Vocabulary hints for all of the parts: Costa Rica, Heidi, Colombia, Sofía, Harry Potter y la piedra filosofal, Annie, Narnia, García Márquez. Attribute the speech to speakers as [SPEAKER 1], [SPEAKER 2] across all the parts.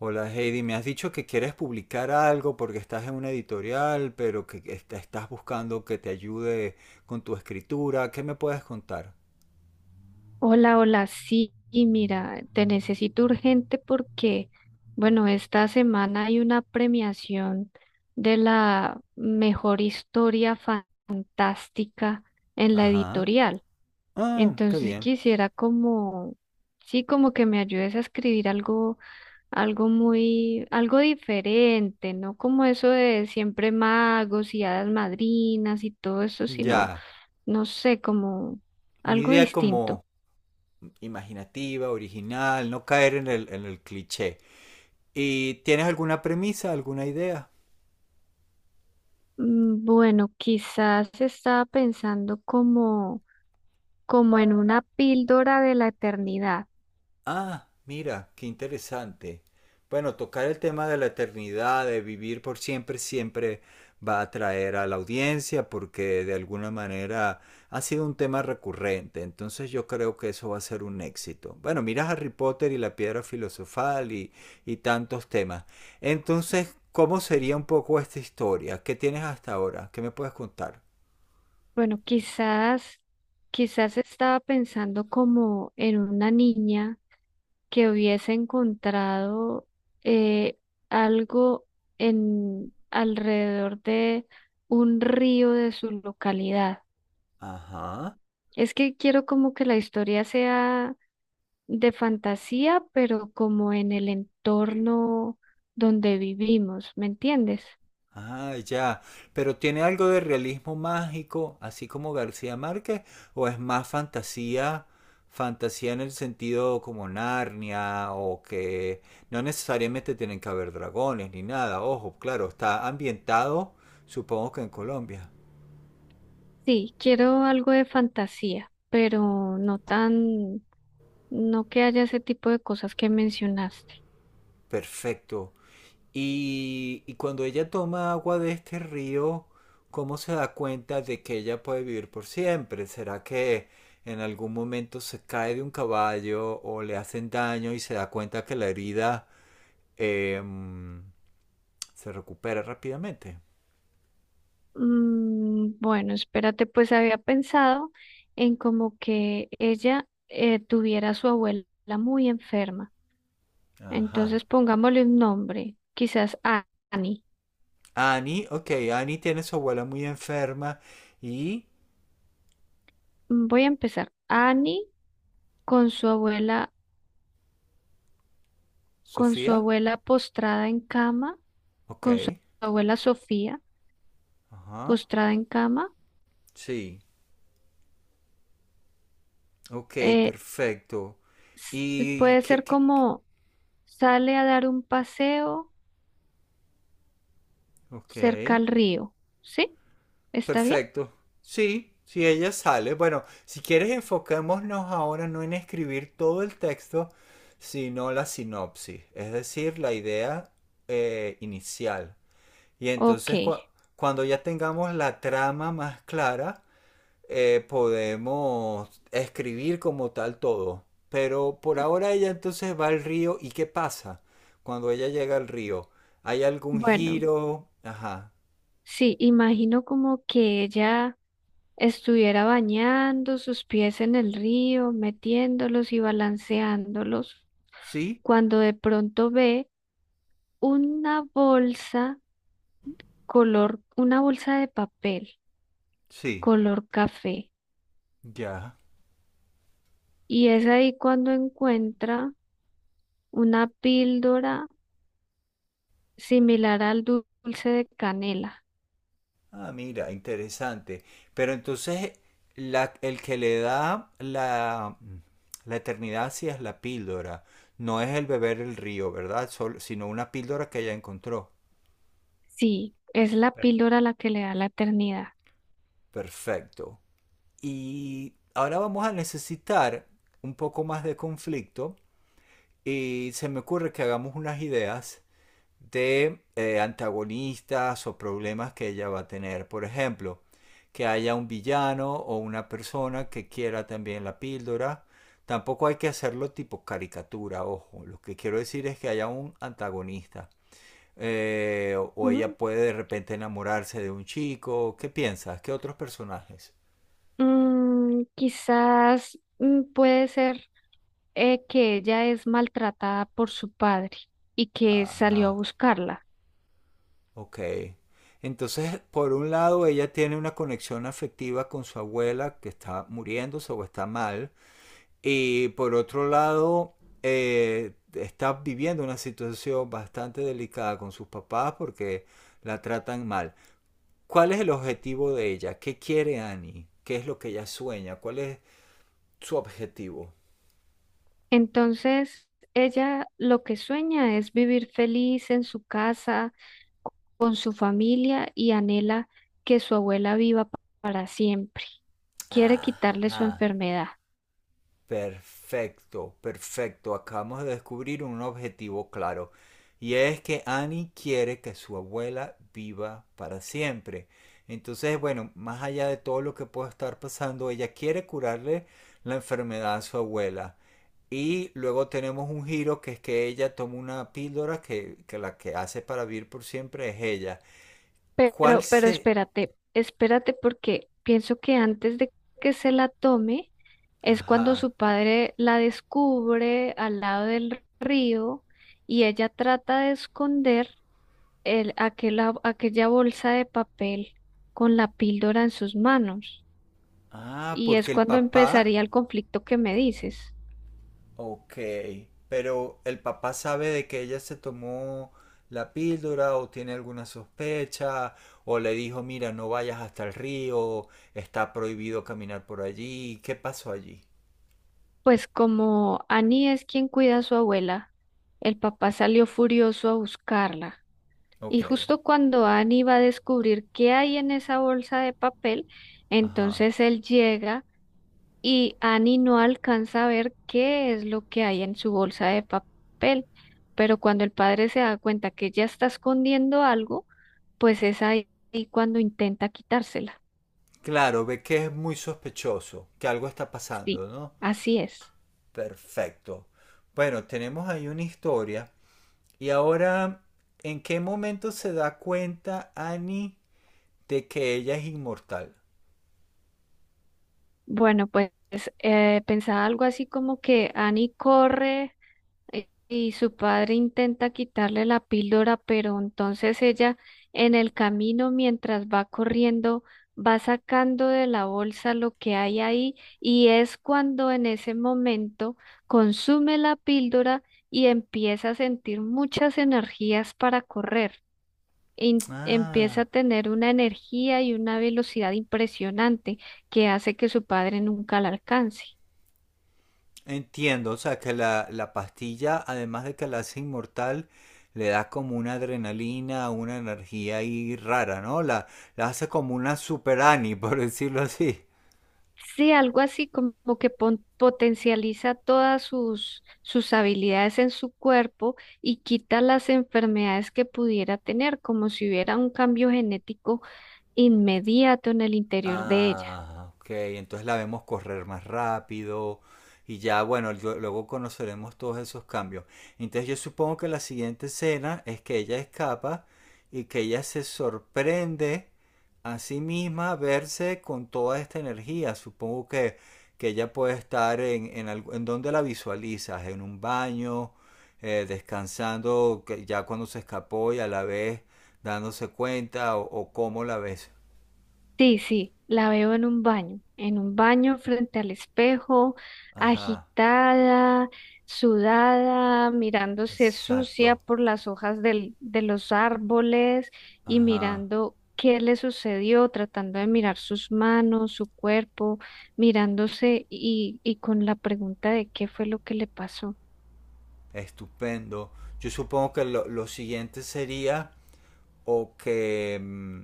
[SPEAKER 1] Hola Heidi, me has dicho que quieres publicar algo porque estás en una editorial, pero que estás buscando que te ayude con tu escritura. ¿Qué me puedes contar?
[SPEAKER 2] Hola, hola, sí, y mira, te necesito urgente porque, bueno, esta semana hay una premiación de la mejor historia fantástica en la
[SPEAKER 1] Ajá.
[SPEAKER 2] editorial.
[SPEAKER 1] Ah, qué
[SPEAKER 2] Entonces
[SPEAKER 1] bien.
[SPEAKER 2] quisiera como, sí, como que me ayudes a escribir algo, algo muy, algo diferente, no como eso de siempre magos y hadas madrinas y todo eso, sino,
[SPEAKER 1] Ya.
[SPEAKER 2] no sé, como
[SPEAKER 1] Una
[SPEAKER 2] algo
[SPEAKER 1] idea
[SPEAKER 2] distinto.
[SPEAKER 1] como imaginativa, original, no caer en el cliché. ¿Y tienes alguna premisa, alguna idea?
[SPEAKER 2] Bueno, quizás estaba pensando como, como en una píldora de la eternidad.
[SPEAKER 1] Ah, mira, qué interesante. Bueno, tocar el tema de la eternidad, de vivir por siempre, siempre va a atraer a la audiencia porque de alguna manera ha sido un tema recurrente. Entonces yo creo que eso va a ser un éxito. Bueno, mira Harry Potter y la piedra filosofal y tantos temas. Entonces, ¿cómo sería un poco esta historia? ¿Qué tienes hasta ahora? ¿Qué me puedes contar?
[SPEAKER 2] Bueno, quizás, quizás estaba pensando como en una niña que hubiese encontrado eh, algo en alrededor de un río de su localidad.
[SPEAKER 1] Ajá.
[SPEAKER 2] Es que quiero como que la historia sea de fantasía, pero como en el entorno donde vivimos, ¿me entiendes?
[SPEAKER 1] Ah, ya. Pero tiene algo de realismo mágico, así como García Márquez, o es más fantasía, fantasía en el sentido como Narnia, o que no necesariamente tienen que haber dragones ni nada. Ojo, claro, está ambientado, supongo que en Colombia.
[SPEAKER 2] Sí, quiero algo de fantasía, pero no tan, no que haya ese tipo de cosas que mencionaste.
[SPEAKER 1] Perfecto. Y cuando ella toma agua de este río, ¿cómo se da cuenta de que ella puede vivir por siempre? ¿Será que en algún momento se cae de un caballo o le hacen daño y se da cuenta que la herida em, se recupera rápidamente?
[SPEAKER 2] Bueno, espérate, pues había pensado en como que ella tuviera a su abuela muy enferma.
[SPEAKER 1] Ajá.
[SPEAKER 2] Entonces pongámosle un nombre, quizás Annie.
[SPEAKER 1] Annie, ok, Annie tiene a su abuela muy enferma y
[SPEAKER 2] Voy a empezar. Annie con su abuela con su
[SPEAKER 1] Sofía,
[SPEAKER 2] abuela postrada en cama,
[SPEAKER 1] ok,
[SPEAKER 2] con su abuela Sofía
[SPEAKER 1] ajá,
[SPEAKER 2] postrada en cama.
[SPEAKER 1] sí, ok,
[SPEAKER 2] eh,
[SPEAKER 1] perfecto. ¿Y
[SPEAKER 2] puede
[SPEAKER 1] qué,
[SPEAKER 2] ser
[SPEAKER 1] qué, qué?
[SPEAKER 2] como sale a dar un paseo
[SPEAKER 1] Ok.
[SPEAKER 2] cerca al río, ¿sí? ¿Está bien?
[SPEAKER 1] Perfecto. Sí, si ella sale. Bueno, si quieres enfocémonos ahora no en escribir todo el texto, sino la sinopsis, es decir, la idea inicial. Y
[SPEAKER 2] Ok,
[SPEAKER 1] entonces cuando ya tengamos la trama más clara, podemos escribir como tal todo. Pero por ahora ella entonces va al río y ¿qué pasa cuando ella llega al río? ¿Hay algún
[SPEAKER 2] bueno,
[SPEAKER 1] giro? Ajá.
[SPEAKER 2] sí, imagino como que ella estuviera bañando sus pies en el río, metiéndolos y balanceándolos,
[SPEAKER 1] ¿Sí?
[SPEAKER 2] cuando de pronto ve una bolsa color, una bolsa de papel,
[SPEAKER 1] Sí.
[SPEAKER 2] color café.
[SPEAKER 1] Ya.
[SPEAKER 2] Y es ahí cuando encuentra una píldora similar al dulce de canela.
[SPEAKER 1] Ah, mira, interesante. Pero entonces el que le da la eternidad sí es la píldora, no es el beber el río, ¿verdad? Sino una píldora que ella encontró.
[SPEAKER 2] Sí, es la píldora la que le da la eternidad.
[SPEAKER 1] Perfecto. Y ahora vamos a necesitar un poco más de conflicto y se me ocurre que hagamos unas ideas de antagonistas o problemas que ella va a tener. Por ejemplo, que haya un villano o una persona que quiera también la píldora. Tampoco hay que hacerlo tipo caricatura, ojo. Lo que quiero decir es que haya un antagonista. Ella
[SPEAKER 2] Ujú.
[SPEAKER 1] puede de repente enamorarse de un chico. ¿Qué piensas? ¿Qué otros personajes?
[SPEAKER 2] Quizás puede ser que ella es maltratada por su padre y que salió a
[SPEAKER 1] Ajá,
[SPEAKER 2] buscarla.
[SPEAKER 1] ok. Entonces, por un lado, ella tiene una conexión afectiva con su abuela que está muriéndose o está mal. Y por otro lado, está viviendo una situación bastante delicada con sus papás porque la tratan mal. ¿Cuál es el objetivo de ella? ¿Qué quiere Annie? ¿Qué es lo que ella sueña? ¿Cuál es su objetivo?
[SPEAKER 2] Entonces, ella lo que sueña es vivir feliz en su casa con su familia y anhela que su abuela viva para siempre. Quiere quitarle su
[SPEAKER 1] Ajá.
[SPEAKER 2] enfermedad.
[SPEAKER 1] Perfecto, perfecto. Acabamos de descubrir un objetivo claro. Y es que Annie quiere que su abuela viva para siempre. Entonces, bueno, más allá de todo lo que pueda estar pasando, ella quiere curarle la enfermedad a su abuela. Y luego tenemos un giro que es que ella toma una píldora que la que hace para vivir por siempre es ella. ¿Cuál
[SPEAKER 2] Pero
[SPEAKER 1] se...?
[SPEAKER 2] espérate, espérate porque pienso que antes de que se la tome es cuando
[SPEAKER 1] Ajá.
[SPEAKER 2] su padre la descubre al lado del río y ella trata de esconder el, aquella bolsa de papel con la píldora en sus manos.
[SPEAKER 1] Ah,
[SPEAKER 2] Y es
[SPEAKER 1] porque el
[SPEAKER 2] cuando
[SPEAKER 1] papá.
[SPEAKER 2] empezaría el conflicto que me dices.
[SPEAKER 1] Ok, pero ¿el papá sabe de que ella se tomó la píldora o tiene alguna sospecha o le dijo, mira, no vayas hasta el río, está prohibido caminar por allí? ¿Qué pasó allí?
[SPEAKER 2] Pues como Annie es quien cuida a su abuela, el papá salió furioso a buscarla. Y
[SPEAKER 1] Ok,
[SPEAKER 2] justo cuando Annie va a descubrir qué hay en esa bolsa de papel,
[SPEAKER 1] ajá.
[SPEAKER 2] entonces él llega y Annie no alcanza a ver qué es lo que hay en su bolsa de papel. Pero cuando el padre se da cuenta que ella está escondiendo algo, pues es ahí cuando intenta quitársela.
[SPEAKER 1] Claro, ve que es muy sospechoso, que algo está pasando,
[SPEAKER 2] Sí,
[SPEAKER 1] ¿no?
[SPEAKER 2] así es.
[SPEAKER 1] Perfecto. Bueno, tenemos ahí una historia. Y ahora, ¿en qué momento se da cuenta Annie de que ella es inmortal?
[SPEAKER 2] Bueno, pues pensaba algo así como que Annie corre, y su padre intenta quitarle la píldora, pero entonces ella en el camino mientras va corriendo va sacando de la bolsa lo que hay ahí y es cuando en ese momento consume la píldora y empieza a sentir muchas energías para correr, empieza a
[SPEAKER 1] Ah,
[SPEAKER 2] tener una energía y una velocidad impresionante que hace que su padre nunca la alcance.
[SPEAKER 1] entiendo, o sea, que la pastilla, además de que la hace inmortal, le da como una adrenalina, una energía ahí rara, ¿no? La hace como una super Annie, por decirlo así.
[SPEAKER 2] Sí, algo así como que potencializa todas sus, sus habilidades en su cuerpo y quita las enfermedades que pudiera tener, como si hubiera un cambio genético inmediato en el interior de ella.
[SPEAKER 1] Ah, ok. Entonces la vemos correr más rápido y ya, bueno, luego conoceremos todos esos cambios. Entonces yo supongo que la siguiente escena es que ella escapa y que ella se sorprende a sí misma verse con toda esta energía. Supongo que ella puede estar en donde la visualizas, en un baño, descansando que ya cuando se escapó y a la vez dándose cuenta o cómo la ves.
[SPEAKER 2] Sí, sí, la veo en un baño frente al espejo,
[SPEAKER 1] Ajá.
[SPEAKER 2] agitada, sudada, mirándose sucia
[SPEAKER 1] Exacto.
[SPEAKER 2] por las hojas de los árboles y
[SPEAKER 1] Ajá.
[SPEAKER 2] mirando qué le sucedió, tratando de mirar sus manos, su cuerpo, mirándose y con la pregunta de qué fue lo que le pasó.
[SPEAKER 1] Estupendo. Yo supongo que lo siguiente sería o que,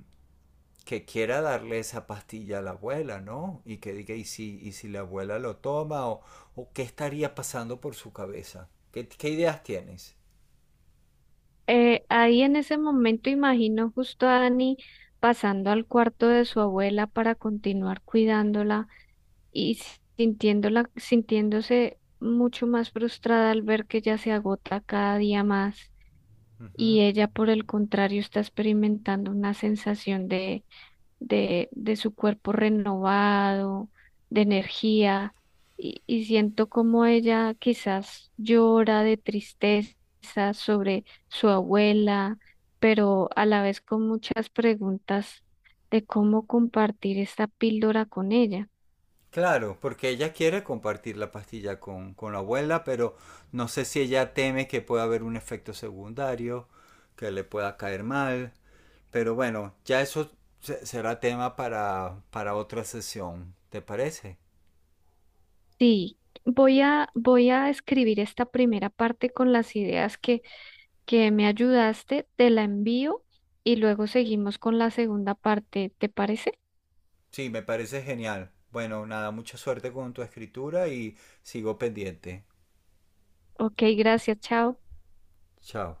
[SPEAKER 1] que quiera darle esa pastilla a la abuela, ¿no? Y que diga, y si la abuela lo toma? O qué estaría pasando por su cabeza? ¿Qué, qué ideas tienes?
[SPEAKER 2] Ahí en ese momento imagino justo a Dani pasando al cuarto de su abuela para continuar cuidándola y sintiéndola, sintiéndose mucho más frustrada al ver que ella se agota cada día más
[SPEAKER 1] Ujú.
[SPEAKER 2] y ella, por el contrario, está experimentando una sensación de su cuerpo renovado, de energía y siento como ella quizás llora de tristeza sobre su abuela, pero a la vez con muchas preguntas de cómo compartir esta píldora con ella.
[SPEAKER 1] Claro, porque ella quiere compartir la pastilla con la abuela, pero no sé si ella teme que pueda haber un efecto secundario, que le pueda caer mal. Pero bueno, ya eso será tema para otra sesión, ¿te parece?
[SPEAKER 2] Sí, voy a, voy a escribir esta primera parte con las ideas que me ayudaste, te la envío y luego seguimos con la segunda parte, ¿te parece?
[SPEAKER 1] Sí, me parece genial. Bueno, nada, mucha suerte con tu escritura y sigo pendiente.
[SPEAKER 2] Ok, gracias, chao.
[SPEAKER 1] Chao.